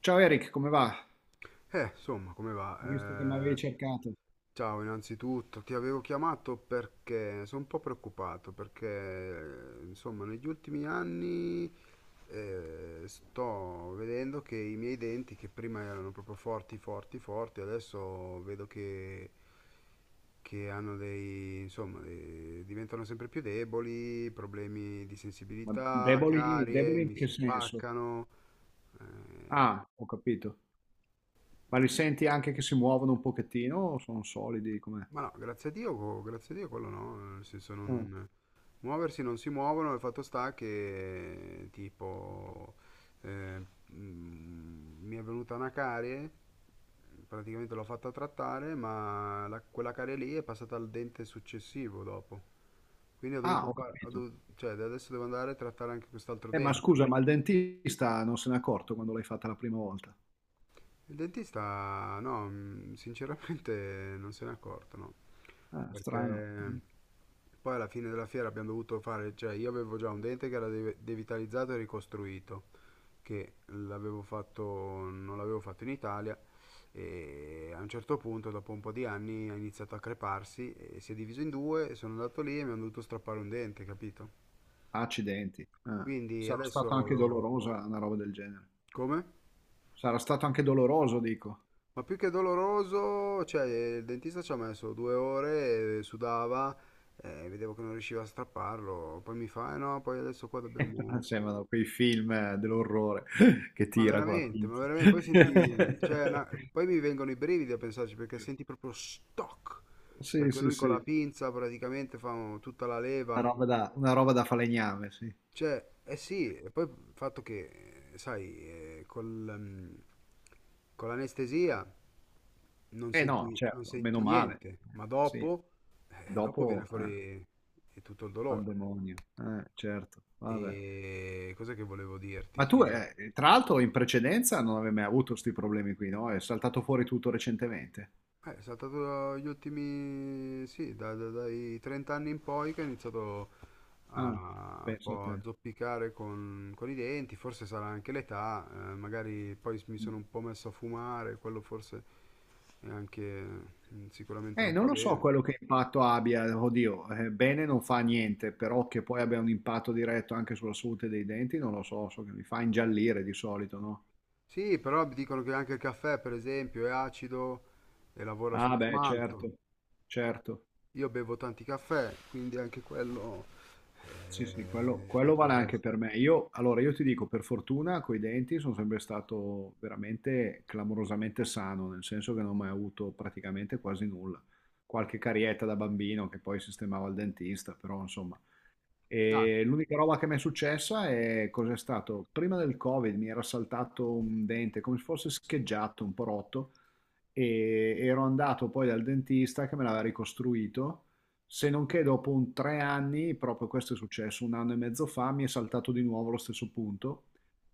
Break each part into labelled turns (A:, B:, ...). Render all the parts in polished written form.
A: Ciao Eric, come va?
B: Insomma, come
A: Ho visto che mi
B: va?
A: avevi
B: Eh,
A: cercato.
B: ciao, innanzitutto ti avevo chiamato perché sono un po' preoccupato, perché insomma, negli ultimi anni sto vedendo che i miei denti, che prima erano proprio forti, forti, forti, adesso vedo che hanno dei, insomma, diventano sempre più deboli, problemi di
A: Ma
B: sensibilità,
A: deboli,
B: carie,
A: deboli in
B: mi
A: che
B: si
A: senso?
B: spaccano.
A: Ah, ho capito. Ma li senti anche che si muovono un pochettino o sono solidi? Com'è?
B: Ma no, grazie a Dio, grazie a Dio quello no, nel senso
A: Ah,
B: non... Muoversi non si muovono, il fatto sta che tipo eh, mi è venuta una carie, praticamente l'ho fatta trattare, ma quella carie lì è passata al dente successivo dopo. Quindi ho
A: ah,
B: dovuto
A: ho
B: fare,
A: capito.
B: cioè adesso devo andare a trattare anche quest'altro
A: Ma scusa,
B: dente.
A: ma il dentista non se n'è accorto quando l'hai fatta la prima volta?
B: Il dentista, no, sinceramente non se n'è accorto, no.
A: Ah, strano. Mm.
B: Perché poi alla fine della fiera abbiamo dovuto fare, cioè io avevo già un dente che era devitalizzato e ricostruito, che l'avevo fatto, non l'avevo fatto in Italia e a un certo punto, dopo un po' di anni, ha iniziato a creparsi e si è diviso in due, e sono andato lì e mi hanno dovuto strappare un dente, capito?
A: Accidenti. Ah,
B: Quindi
A: sarà stato anche
B: adesso...
A: dolorosa una roba del genere.
B: Come?
A: Sarà stato anche doloroso, dico.
B: Ma più che doloroso, cioè il dentista ci ha messo due ore, sudava, vedevo che non riusciva a strapparlo, poi mi fa, eh no, poi adesso qua
A: Non
B: dobbiamo...
A: sembrano quei film dell'orrore che tira con la
B: Ma
A: pinza.
B: veramente, poi senti, cioè, poi mi vengono i brividi a pensarci perché senti proprio stock,
A: Sì,
B: perché
A: sì,
B: lui
A: sì,
B: con la pinza praticamente fa tutta la leva.
A: una roba da falegname, sì.
B: Cioè, eh sì, e poi il fatto che, sai, mm, con l'anestesia non
A: Eh no,
B: senti, non
A: certo, meno
B: senti
A: male.
B: niente, ma
A: Sì.
B: dopo viene
A: Dopo,
B: fuori tutto il dolore.
A: pandemonio. Certo, vabbè.
B: E cosa che volevo dirti?
A: Ma tu,
B: Che...
A: tra l'altro, in precedenza non avevi mai avuto questi problemi qui, no? È saltato fuori tutto recentemente.
B: È stato gli ultimi, sì, dai 30 anni in poi che ha iniziato
A: Ah,
B: a un
A: pensa a
B: po'
A: te.
B: a zoppicare con i denti, forse sarà anche l'età, magari poi mi
A: Mm.
B: sono un po' messo a fumare, quello forse è anche, sicuramente non
A: Non
B: fa
A: lo so
B: bene.
A: quello che impatto abbia, oddio, bene non fa niente, però che poi abbia un impatto diretto anche sulla salute dei denti, non lo so, so che mi fa ingiallire di solito, no?
B: Sì, però mi dicono che anche il caffè, per esempio, è acido e lavora
A: Ah,
B: sullo
A: beh,
B: smalto.
A: certo, certo,
B: Io bevo tanti caffè, quindi anche quello
A: sì, sì, quello, quello vale
B: potrebbe
A: anche
B: essere.
A: per me. Io, allora, io ti dico, per fortuna, coi denti sono sempre stato veramente clamorosamente sano, nel senso che non ho mai avuto praticamente quasi nulla. Qualche carietta da bambino che poi sistemavo al dentista, però insomma...
B: Ah.
A: E l'unica roba che mi è successa è cos'è stato? Prima del Covid mi era saltato un dente, come se fosse scheggiato, un po' rotto, e ero andato poi dal dentista che me l'aveva ricostruito, se non che dopo un tre anni, proprio questo è successo un anno e mezzo fa, mi è saltato di nuovo lo stesso punto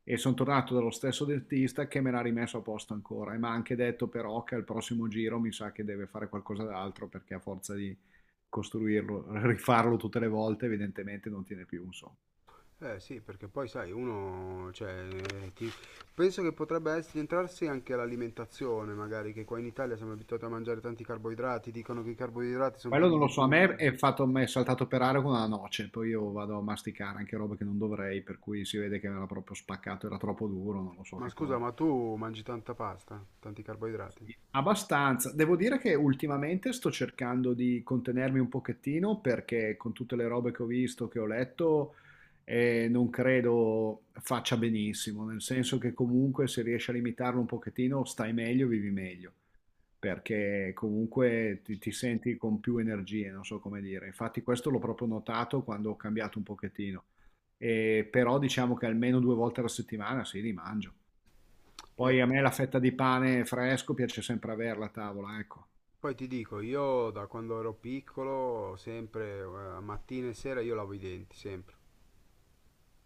A: e sono tornato dallo stesso dentista che me l'ha rimesso a posto ancora e mi ha anche detto però che al prossimo giro mi sa che deve fare qualcosa d'altro perché a forza di costruirlo, rifarlo tutte le volte, evidentemente non tiene più, insomma.
B: Eh sì, perché poi sai, uno, cioè, penso che potrebbe essere, entrarsi anche l'alimentazione, magari, che qua in Italia siamo abituati a mangiare tanti carboidrati, dicono che i carboidrati sono
A: Quello
B: pieni
A: non lo
B: di
A: so, a me
B: zuccheri.
A: è fatto, è saltato per aria con una noce, poi io vado a masticare anche roba che non dovrei, per cui si vede che era proprio spaccato, era troppo duro, non lo so
B: Ma
A: che
B: scusa,
A: cosa.
B: ma tu mangi tanta pasta, tanti carboidrati?
A: Sì, abbastanza. Devo dire che ultimamente sto cercando di contenermi un pochettino perché con tutte le robe che ho visto, che ho letto, non credo faccia benissimo, nel senso che comunque se riesci a limitarlo un pochettino stai meglio, vivi meglio. Perché comunque ti senti con più energie, non so come dire. Infatti questo l'ho proprio notato quando ho cambiato un pochettino. Però diciamo che almeno 2 volte alla settimana sì, li mangio.
B: Eh,
A: Poi a me la fetta di pane fresco piace sempre averla a tavola, ecco.
B: poi ti dico, io da quando ero piccolo, sempre, mattina e sera, io lavo i denti, sempre.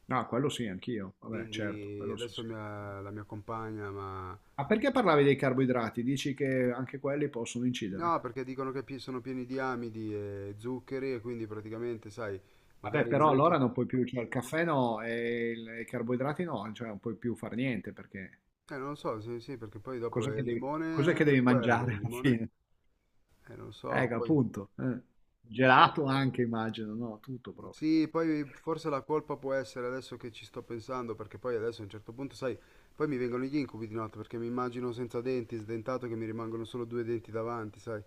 A: No, quello sì, anch'io. Vabbè, certo,
B: Quindi
A: quello sì,
B: adesso
A: sì.
B: la mia compagna, ma
A: Ma perché parlavi dei carboidrati? Dici che anche quelli possono
B: no,
A: incidere?
B: perché dicono che sono pieni di amidi e zuccheri e quindi praticamente, sai,
A: Vabbè,
B: magari
A: però
B: non è
A: allora
B: che...
A: non puoi più, cioè il caffè no e il e i carboidrati no, cioè non puoi più far niente perché
B: Non lo so, sì, sì, perché poi dopo
A: Cos'è che
B: il
A: devi
B: limone,
A: cos'è che devi
B: anche quello, il
A: mangiare alla
B: limone,
A: fine?
B: non so,
A: Che
B: poi...
A: appunto, eh. Gelato anche immagino, no, tutto proprio.
B: Sì, poi forse la colpa può essere adesso che ci sto pensando, perché poi adesso a un certo punto, sai, poi mi vengono gli incubi di notte, perché mi immagino senza denti, sdentato, che mi rimangono solo due denti davanti, sai.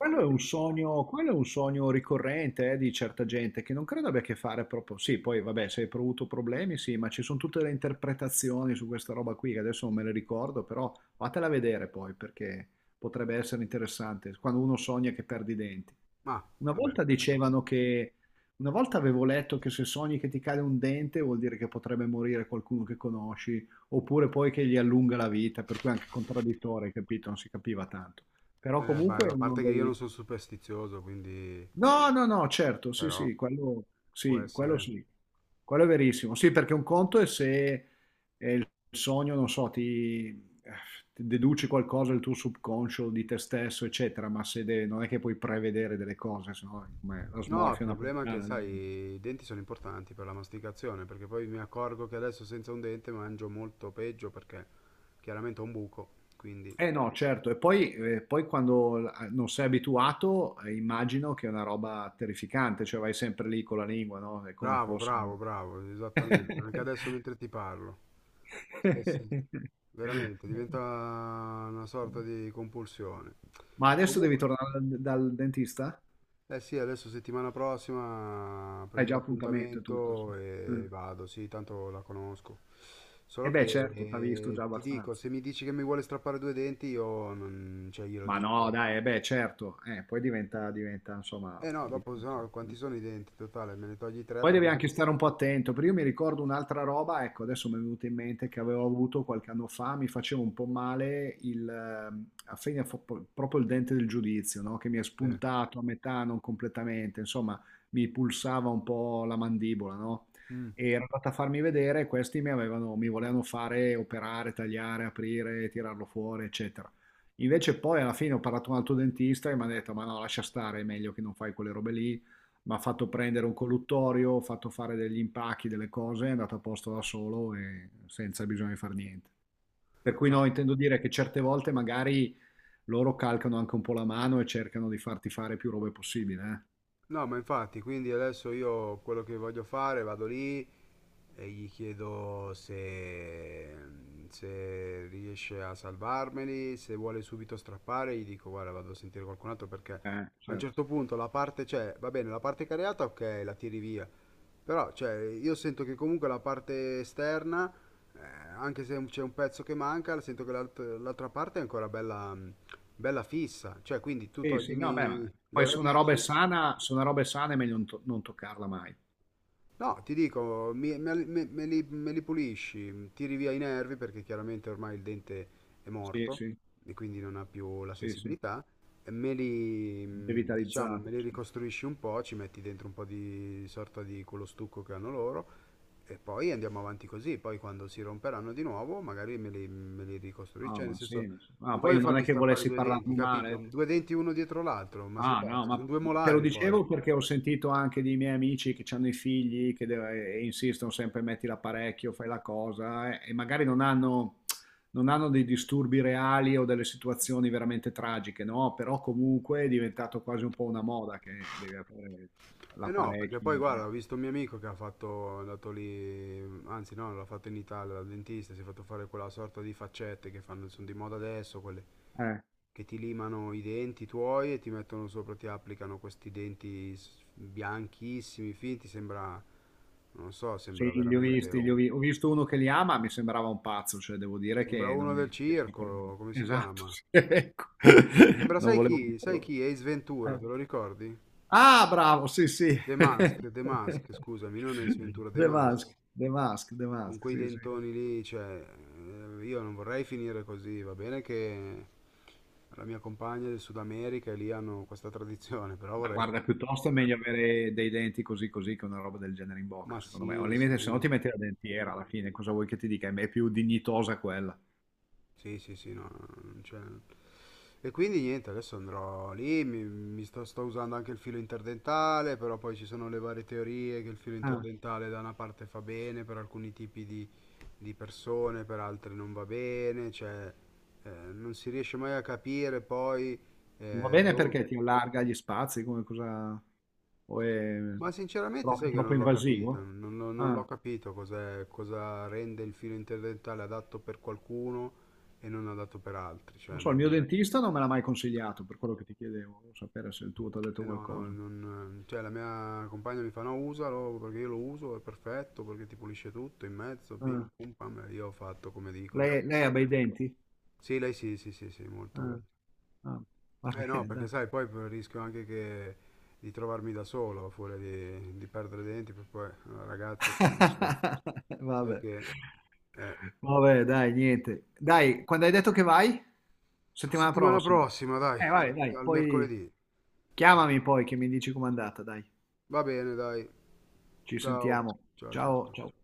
A: Quello è un sogno ricorrente, di certa gente che non credo abbia a che fare proprio sì, poi vabbè se hai avuto problemi sì, ma ci sono tutte le interpretazioni su questa roba qui che adesso non me le ricordo, però fatela vedere poi perché potrebbe essere interessante quando uno sogna che perde i denti.
B: Ma,
A: Una
B: vabbè,
A: volta
B: non posso.
A: dicevano che una volta avevo letto che se sogni che ti cade un dente vuol dire che potrebbe morire qualcuno che conosci, oppure poi che gli allunga la vita, per cui anche contraddittorio, hai capito? Non si capiva tanto. Però
B: Beh,
A: comunque è
B: a
A: uno
B: parte che io non
A: dei...
B: sono superstizioso, quindi...
A: No, no, no, certo, sì,
B: però
A: sì, quello
B: può
A: sì, quello
B: essere...
A: sì, quello è verissimo. Sì, perché un conto è se è il sogno, non so, eh, ti deduci qualcosa del tuo subconscio, di te stesso, eccetera, ma se de- non è che puoi prevedere delle cose, se no è come la
B: No, il
A: smorfia
B: problema è che,
A: napoletana diventa.
B: sai, i denti sono importanti per la masticazione, perché poi mi accorgo che adesso senza un dente mangio molto peggio perché chiaramente ho un buco, quindi...
A: Eh no, certo, e poi, poi non sei abituato, immagino che è una roba terrificante, cioè vai sempre lì con la lingua, no? È come
B: Bravo,
A: fosse... un-
B: bravo, bravo, esattamente. Anche adesso mentre ti parlo. Stessa... Veramente, diventa una sorta di compulsione.
A: Ma adesso devi
B: Comunque...
A: tornare dal dentista?
B: Eh sì, adesso settimana prossima
A: Hai
B: prendo
A: già appuntamento e tutto. Sì.
B: l'appuntamento e
A: Mm.
B: vado, sì, tanto la conosco. Solo
A: E
B: che
A: beh, certo, t'ha visto già
B: ti dico,
A: abbastanza.
B: se mi dici che mi vuole strappare due denti, io non, cioè, glielo
A: Ma no,
B: dico.
A: dai, eh beh, certo. Poi diventa, insomma,
B: Eh no, dopo
A: difficile.
B: sennò quanti
A: Eh.
B: sono i denti totale? Me ne togli tre
A: Poi devi anche
B: praticamente.
A: stare un po' attento, perché io mi ricordo un'altra roba, ecco, adesso mi è venuta in mente che avevo avuto qualche anno fa, mi faceva un po' male a proprio il dente del giudizio, no? Che mi è
B: Sì.
A: spuntato a metà, non completamente, insomma, mi pulsava un po' la mandibola, no?
B: Mm.
A: E era andata a farmi vedere, questi mi avevano, mi volevano fare operare, tagliare, aprire, tirarlo fuori, eccetera. Invece poi alla fine ho parlato con un altro dentista e mi ha detto, ma no, lascia stare, è meglio che non fai quelle robe lì, m'ha fatto prendere un colluttorio, fatto fare degli impacchi, delle cose, è andato a posto da solo e senza bisogno di fare niente. Per cui
B: No.
A: no, intendo dire che certe volte magari loro calcano anche un po' la mano e cercano di farti fare più robe possibile,
B: No, ma infatti, quindi adesso io quello che voglio fare, vado lì, e gli chiedo se, se riesce a salvarmeli, se vuole subito strappare, gli dico guarda vado a sentire qualcun altro perché
A: eh.
B: a un
A: Certo.
B: certo punto la parte, cioè va bene, la parte cariata ok, la tiri via, però cioè, io sento che comunque la parte esterna, anche se c'è un pezzo che manca, sento che l'altra parte è ancora bella, bella fissa, cioè quindi tu
A: Sì, sì, no, beh, ma
B: toglimi
A: poi
B: le
A: se una roba è
B: radici.
A: sana, se una roba è sana è meglio non toccarla mai.
B: No, ti dico, me li pulisci, tiri via i nervi perché chiaramente ormai il dente è
A: Sì,
B: morto
A: sì,
B: e quindi non ha più la
A: sì, sì,
B: sensibilità, e me li, mh, diciamo, me
A: devitalizzato.
B: li ricostruisci un po', ci metti dentro un po' di sorta di quello stucco che hanno loro e poi andiamo avanti così, poi quando si romperanno di nuovo magari me li ricostruisci,
A: Ah,
B: cioè nel
A: ma sì,
B: senso
A: ma sì. Ah,
B: non
A: poi
B: voglio
A: io non è
B: farmi
A: che
B: strappare
A: volessi
B: due denti,
A: parlarne male,
B: capito?
A: eh.
B: Due denti uno dietro l'altro, ma sei
A: Ah, no,
B: pazzo, sono
A: ma
B: due
A: te lo
B: molari poi.
A: dicevo perché ho sentito anche dei miei amici che hanno i figli e insistono sempre, metti l'apparecchio, fai la cosa, e magari non hanno dei disturbi reali o delle situazioni veramente tragiche, no? Però comunque è diventato quasi un po' una moda che devi avere
B: Eh no, perché
A: l'apparecchio,
B: poi
A: cioè.
B: guarda, ho visto un mio amico che ha fatto, è andato lì, anzi no, l'ha fatto in Italia dal dentista, si è fatto fare quella sorta di faccette che fanno, sono di moda adesso, quelle
A: Eh,
B: che ti limano i denti tuoi e ti mettono sopra, ti applicano questi denti bianchissimi, finti, sembra, non so,
A: sì,
B: sembra
A: li ho
B: veramente
A: visti,
B: un...
A: ho visto uno che li ama, mi sembrava un pazzo, cioè devo dire
B: Sembra
A: che non
B: uno
A: mi
B: del
A: piaceva per
B: circo,
A: niente.
B: come si
A: Esatto,
B: chiama?
A: sì, ecco.
B: Sembra,
A: Non
B: sai
A: volevo
B: chi? Sai
A: dirlo.
B: chi? Ace Ventura,
A: Eh.
B: te lo ricordi?
A: Ah, bravo, sì, sì.
B: The Mask, The Mask, scusami, non Ace Ventura, The
A: The
B: Mask.
A: Mask, The
B: Con
A: Mask,
B: quei
A: sì, sì.
B: dentoni lì, cioè, io non vorrei finire così, va bene che la mia compagna del Sud America e lì hanno questa tradizione, però
A: Ma
B: vorrei...
A: guarda, piuttosto è meglio avere dei denti così così che una roba del genere in bocca,
B: Ma
A: secondo me. O al
B: sì,
A: limite, se no
B: sì.
A: ti metti la dentiera alla fine, cosa vuoi che ti dica? È più dignitosa quella.
B: Sì, sì, sì, no, no, no, non c'è. E quindi niente, adesso andrò lì, mi sto usando anche il filo interdentale, però poi ci sono le varie teorie che il filo
A: Ah,
B: interdentale da una parte fa bene per alcuni tipi di persone, per altre non va bene, cioè non si riesce mai a capire poi
A: va bene
B: dove...
A: perché ti allarga gli spazi, come cosa... o è
B: Ma sinceramente
A: è
B: sai che
A: troppo
B: non l'ho capito,
A: invasivo?
B: non l'ho
A: Ah,
B: capito cos'è, cosa rende il filo interdentale adatto per qualcuno e non adatto per altri, cioè
A: non so, il mio
B: non...
A: dentista non me l'ha mai consigliato, per quello che ti chiedevo, volevo sapere se il tuo ti ha detto
B: Eh no, no,
A: qualcosa.
B: non, cioè la mia compagna mi fa no, usalo perché io lo uso, è perfetto, perché ti pulisce tutto in mezzo, pim
A: Ah,
B: pum pam, e io ho fatto come dicono.
A: lei ha bei denti?
B: Sì, lei sì, sì, sì, sì, molto
A: Ah,
B: bello.
A: ah, va
B: Eh no,
A: bene
B: perché
A: dai.
B: sai, poi rischio anche che di trovarmi da solo, a furia di perdere i denti, perché poi la ragazza ti dice, sai
A: Vabbè.
B: che... Eh,
A: Vabbè dai, niente. Dai, quando hai detto che vai? Settimana
B: settimana
A: prossima.
B: prossima, dai,
A: Vai, dai,
B: al
A: poi
B: mercoledì.
A: chiamami poi che mi dici com'è andata, dai.
B: Va bene, dai,
A: Ci
B: ciao,
A: sentiamo.
B: ciao, ciao,
A: Ciao, ciao.
B: ciao.